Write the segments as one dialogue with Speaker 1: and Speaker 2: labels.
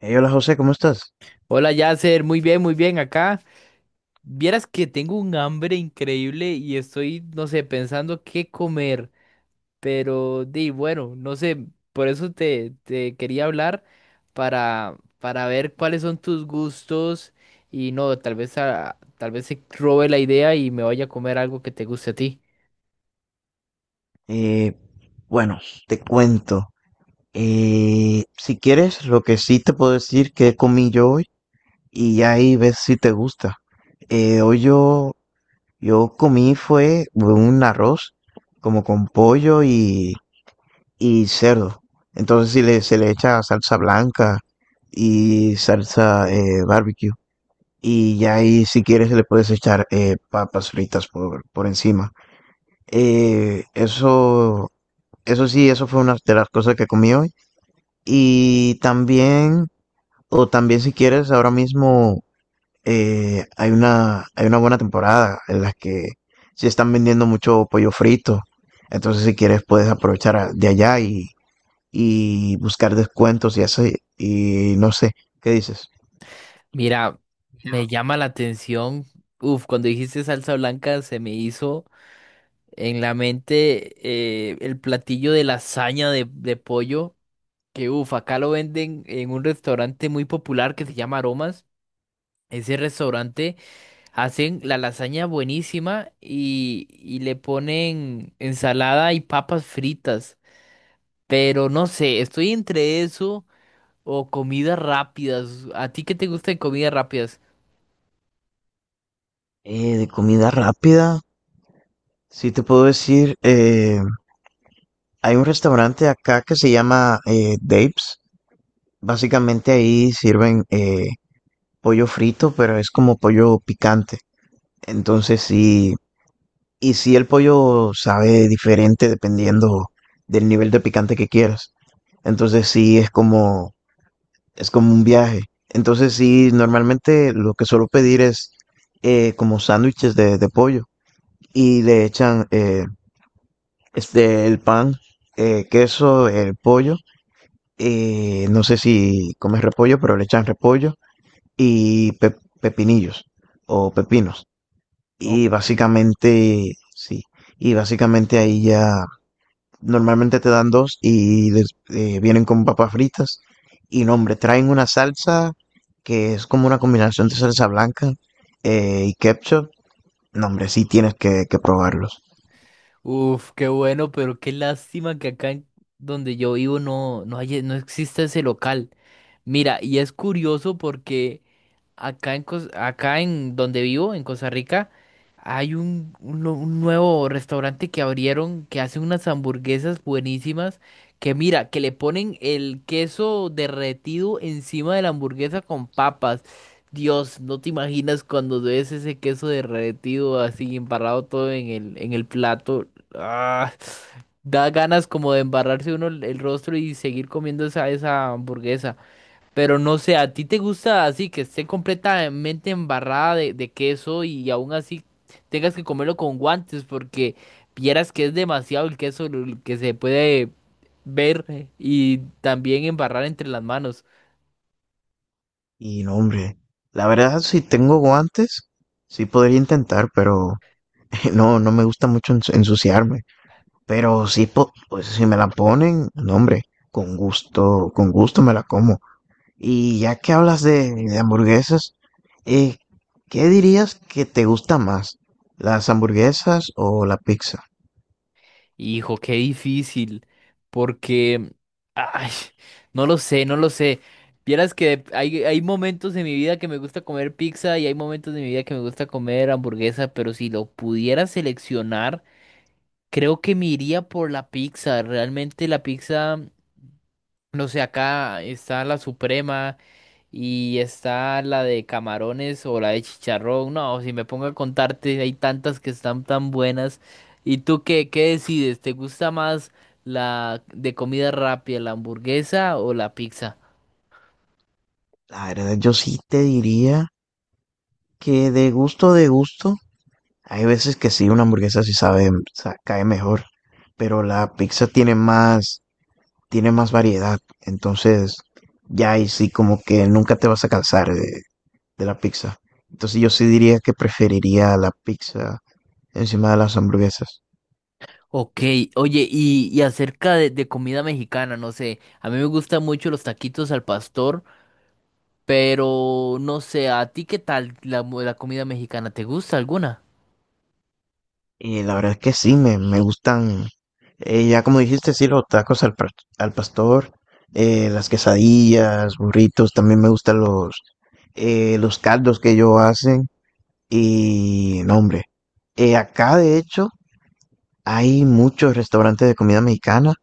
Speaker 1: Hey, hola José, ¿cómo estás?
Speaker 2: Hola Yasser, muy bien acá. Vieras que tengo un hambre increíble y estoy, no sé, pensando qué comer, pero di, bueno, no sé, por eso te quería hablar para ver cuáles son tus gustos y no, tal vez, tal vez se robe la idea y me vaya a comer algo que te guste a ti.
Speaker 1: Eh, bueno, te cuento. Si quieres, lo que sí te puedo decir que comí yo hoy y ya ahí ves si te gusta. Eh, hoy yo, yo comí fue un arroz como con pollo y cerdo. Entonces si le, se le echa salsa blanca y salsa barbecue. Y ya ahí si quieres le puedes echar papas fritas por encima. Eh, eso Eso sí, eso fue una de las cosas que comí hoy. Y también, o también si quieres, ahora mismo hay hay una buena temporada en la que sí están vendiendo mucho pollo frito. Entonces, si quieres, puedes aprovechar de allá y buscar descuentos y así. Y no sé, ¿qué dices?
Speaker 2: Mira, me llama la atención, uf, cuando dijiste salsa blanca se me hizo en la mente el platillo de lasaña de pollo, que uff, acá lo venden en un restaurante muy popular que se llama Aromas. Ese restaurante hacen la lasaña buenísima y, le ponen ensalada y papas fritas. Pero no sé, estoy entre eso o comidas rápidas. ¿A ti qué te gustan comidas rápidas?
Speaker 1: De comida rápida, sí te puedo decir, hay un restaurante acá que se llama Dave's. Básicamente ahí sirven pollo frito, pero es como pollo picante. Entonces sí, y sí el pollo sabe diferente dependiendo del nivel de picante que quieras. Entonces sí es como, es como un viaje. Entonces sí, normalmente lo que suelo pedir es como sándwiches de pollo y le echan el pan, queso, el pollo. No sé si comes repollo, pero le echan repollo y pepinillos o pepinos. Y
Speaker 2: Ok.
Speaker 1: básicamente, sí, y básicamente ahí ya normalmente te dan dos y vienen con papas fritas. Y no, hombre, traen una salsa que es como una combinación de salsa blanca y ketchup. No, hombre, sí tienes que probarlos.
Speaker 2: Uf, qué bueno, pero qué lástima que acá en donde yo vivo no hay, no existe ese local. Mira, y es curioso porque acá en donde vivo, en Costa Rica, hay un nuevo restaurante que abrieron que hace unas hamburguesas buenísimas que mira, que le ponen el queso derretido encima de la hamburguesa con papas. Dios, no te imaginas cuando ves ese queso derretido así embarrado todo en en el plato. Ah, da ganas como de embarrarse uno el rostro y seguir comiendo esa hamburguesa. Pero no sé, ¿a ti te gusta así que esté completamente embarrada de queso y aún así tengas que comerlo con guantes porque vieras que es demasiado el queso el que se puede ver y también embarrar entre las manos?
Speaker 1: Y no, hombre, la verdad, si tengo guantes, sí podría intentar, pero no, no me gusta mucho ensuciarme. Pero sí, pues si me la ponen, no, hombre, con gusto me la como. Y ya que hablas de hamburguesas, eh, ¿qué dirías que te gusta más? ¿Las hamburguesas o la pizza?
Speaker 2: Hijo, qué difícil, porque, ay, no lo sé, no lo sé. Vieras que hay momentos de mi vida que me gusta comer pizza y hay momentos de mi vida que me gusta comer hamburguesa, pero si lo pudiera seleccionar. Creo que me iría por la pizza. Realmente la pizza, no sé, acá está la suprema y está la de camarones o la de chicharrón. No, si me pongo a contarte, hay tantas que están tan buenas. ¿Y tú qué, qué decides? ¿Te gusta más la de comida rápida, la hamburguesa o la pizza?
Speaker 1: La verdad, yo sí te diría que de gusto, hay veces que sí, una hamburguesa sí sabe, cae mejor, pero la pizza tiene más variedad, entonces ya ahí sí como que nunca te vas a cansar de la pizza. Entonces yo sí diría que preferiría la pizza encima de las hamburguesas.
Speaker 2: Ok, oye, y acerca de comida mexicana, no sé, a mí me gustan mucho los taquitos al pastor. Pero no sé, ¿a ti qué tal la comida mexicana? ¿Te gusta alguna?
Speaker 1: Y la verdad es que sí, me gustan, ya como dijiste, sí, los tacos al pastor, las quesadillas, burritos, también me gustan los caldos que ellos hacen y no, hombre. Acá de hecho hay muchos restaurantes de comida mexicana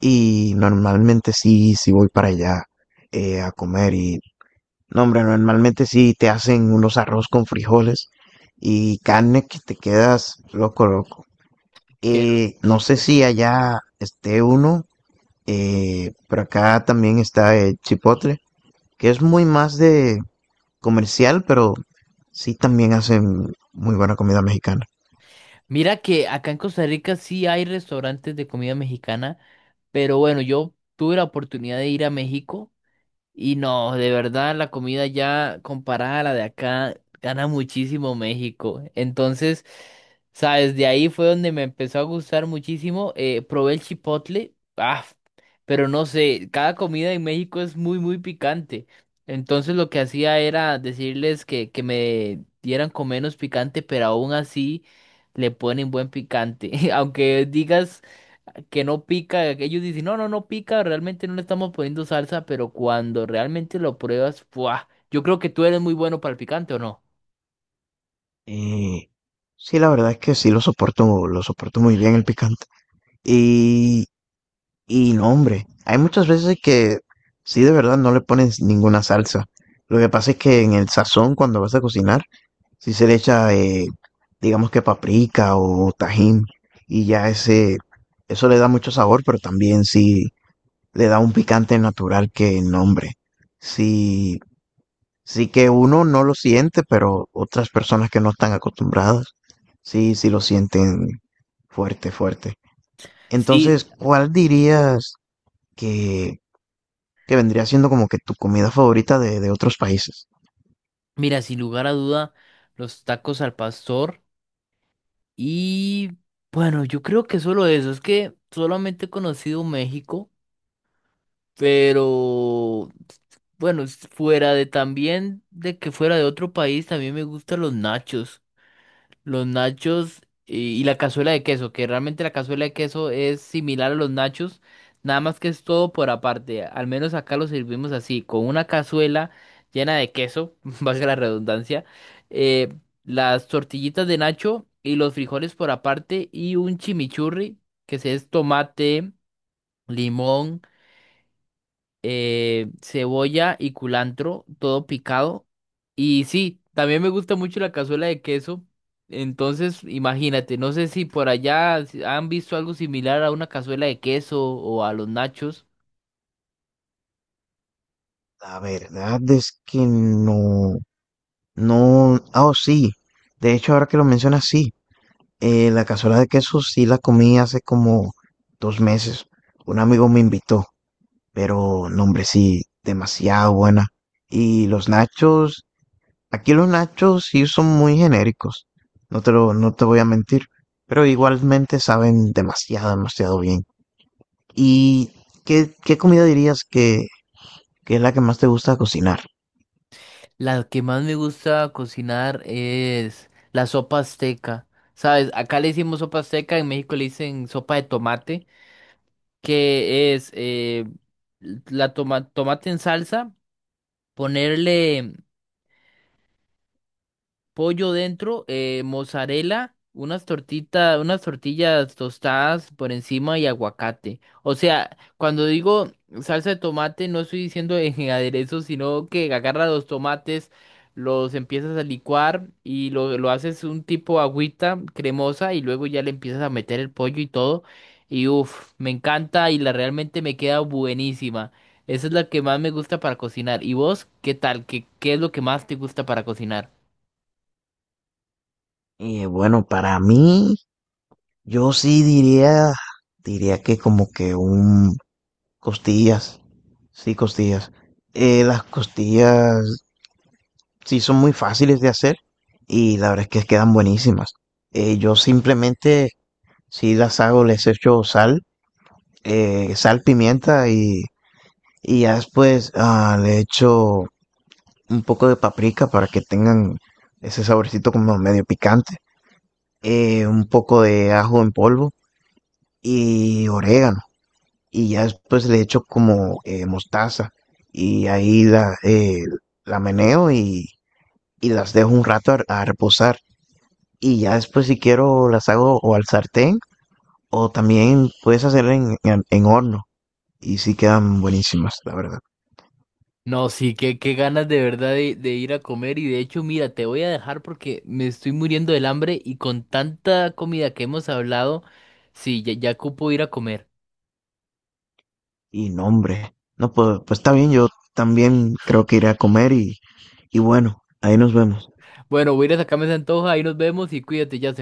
Speaker 1: y normalmente sí, sí voy para allá a comer y no, hombre, normalmente sí te hacen unos arroz con frijoles y carne que te quedas loco, loco.
Speaker 2: Qué
Speaker 1: No sé
Speaker 2: rico.
Speaker 1: si allá esté uno, pero acá también está el chipotle, que es muy más de comercial, pero sí también hacen muy buena comida mexicana.
Speaker 2: Mira que acá en Costa Rica sí hay restaurantes de comida mexicana, pero bueno, yo tuve la oportunidad de ir a México. Y no, de verdad, la comida ya comparada a la de acá gana muchísimo México. Entonces, sabes, de ahí fue donde me empezó a gustar muchísimo. Probé el chipotle, ah, pero no sé, cada comida en México es muy, muy picante. Entonces, lo que hacía era decirles que me dieran con menos picante, pero aún así le ponen buen picante. Aunque digas que no pica, ellos dicen, no, no, no pica, realmente no le estamos poniendo salsa, pero cuando realmente lo pruebas, ¡buah! Yo creo que tú eres muy bueno para el picante, ¿o no?
Speaker 1: Eh, sí, la verdad es que sí lo soporto muy bien el picante. Y, y no, hombre, hay muchas veces que sí de verdad no le pones ninguna salsa. Lo que pasa es que en el sazón, cuando vas a cocinar, si se le echa, digamos que paprika o tajín, y ya ese, eso le da mucho sabor, pero también sí le da un picante natural que nombre. Sí, sí que uno no lo siente, pero otras personas que no están acostumbradas, sí, sí lo sienten fuerte, fuerte. Entonces,
Speaker 2: Sí,
Speaker 1: ¿cuál dirías que, que vendría siendo como que tu comida favorita de otros países?
Speaker 2: mira, sin lugar a duda, los tacos al pastor y bueno, yo creo que solo eso, es que solamente he conocido México, pero bueno, fuera de también de que fuera de otro país, también me gustan los nachos. Los nachos y, la cazuela de queso, que realmente la cazuela de queso es similar a los nachos, nada más que es todo por aparte. Al menos acá lo servimos así, con una cazuela llena de queso, valga la redundancia, eh, las tortillitas de nacho y los frijoles por aparte y un chimichurri, que se es tomate, limón, cebolla y culantro, todo picado. Y sí, también me gusta mucho la cazuela de queso. Entonces, imagínate, no sé si por allá si han visto algo similar a una cazuela de queso o a los nachos.
Speaker 1: La verdad es que no. No, ah, oh, sí. De hecho, ahora que lo mencionas, sí. La cazuela de queso sí la comí hace como dos meses. Un amigo me invitó, pero no, hombre, sí, demasiado buena. Y los nachos, aquí los nachos sí son muy genéricos. No te lo, no te voy a mentir, pero igualmente saben demasiado, demasiado bien. ¿Y qué, qué comida dirías que es la que más te gusta cocinar?
Speaker 2: La que más me gusta cocinar es la sopa azteca. ¿Sabes? Acá le decimos sopa azteca, en México le dicen sopa de tomate, que es la tomate en salsa, ponerle pollo dentro, mozzarella, unas tortitas, unas tortillas tostadas por encima y aguacate. O sea, cuando digo salsa de tomate, no estoy diciendo en aderezo, sino que agarra los tomates, los empiezas a licuar y lo haces un tipo agüita cremosa y luego ya le empiezas a meter el pollo y todo. Y uff, me encanta y la realmente me queda buenísima. Esa es la que más me gusta para cocinar. ¿Y vos qué tal? ¿Qué, qué es lo que más te gusta para cocinar?
Speaker 1: Y bueno, para mí, Yo sí diría, diría que como que un costillas, sí, costillas. Las costillas sí son muy fáciles de hacer y la verdad es que quedan buenísimas. Yo simplemente, si las hago, les echo sal, sal, pimienta y ya después le echo un poco de paprika para que tengan ese saborcito como medio picante, un poco de ajo en polvo y orégano. Y ya después le echo como mostaza y la meneo y las dejo un rato a reposar. Y ya después si quiero las hago o al sartén o también puedes hacer en horno y sí quedan buenísimas, la verdad.
Speaker 2: No, sí, qué, qué ganas de verdad de ir a comer y de hecho, mira, te voy a dejar porque me estoy muriendo del hambre y con tanta comida que hemos hablado, sí, ya, ya ocupo ir a comer.
Speaker 1: Y nombre. No, pues está bien, yo también creo que iré a comer y bueno, ahí nos vemos.
Speaker 2: Bueno, voy a ir a sacarme esa antoja, ahí nos vemos y cuídate, ya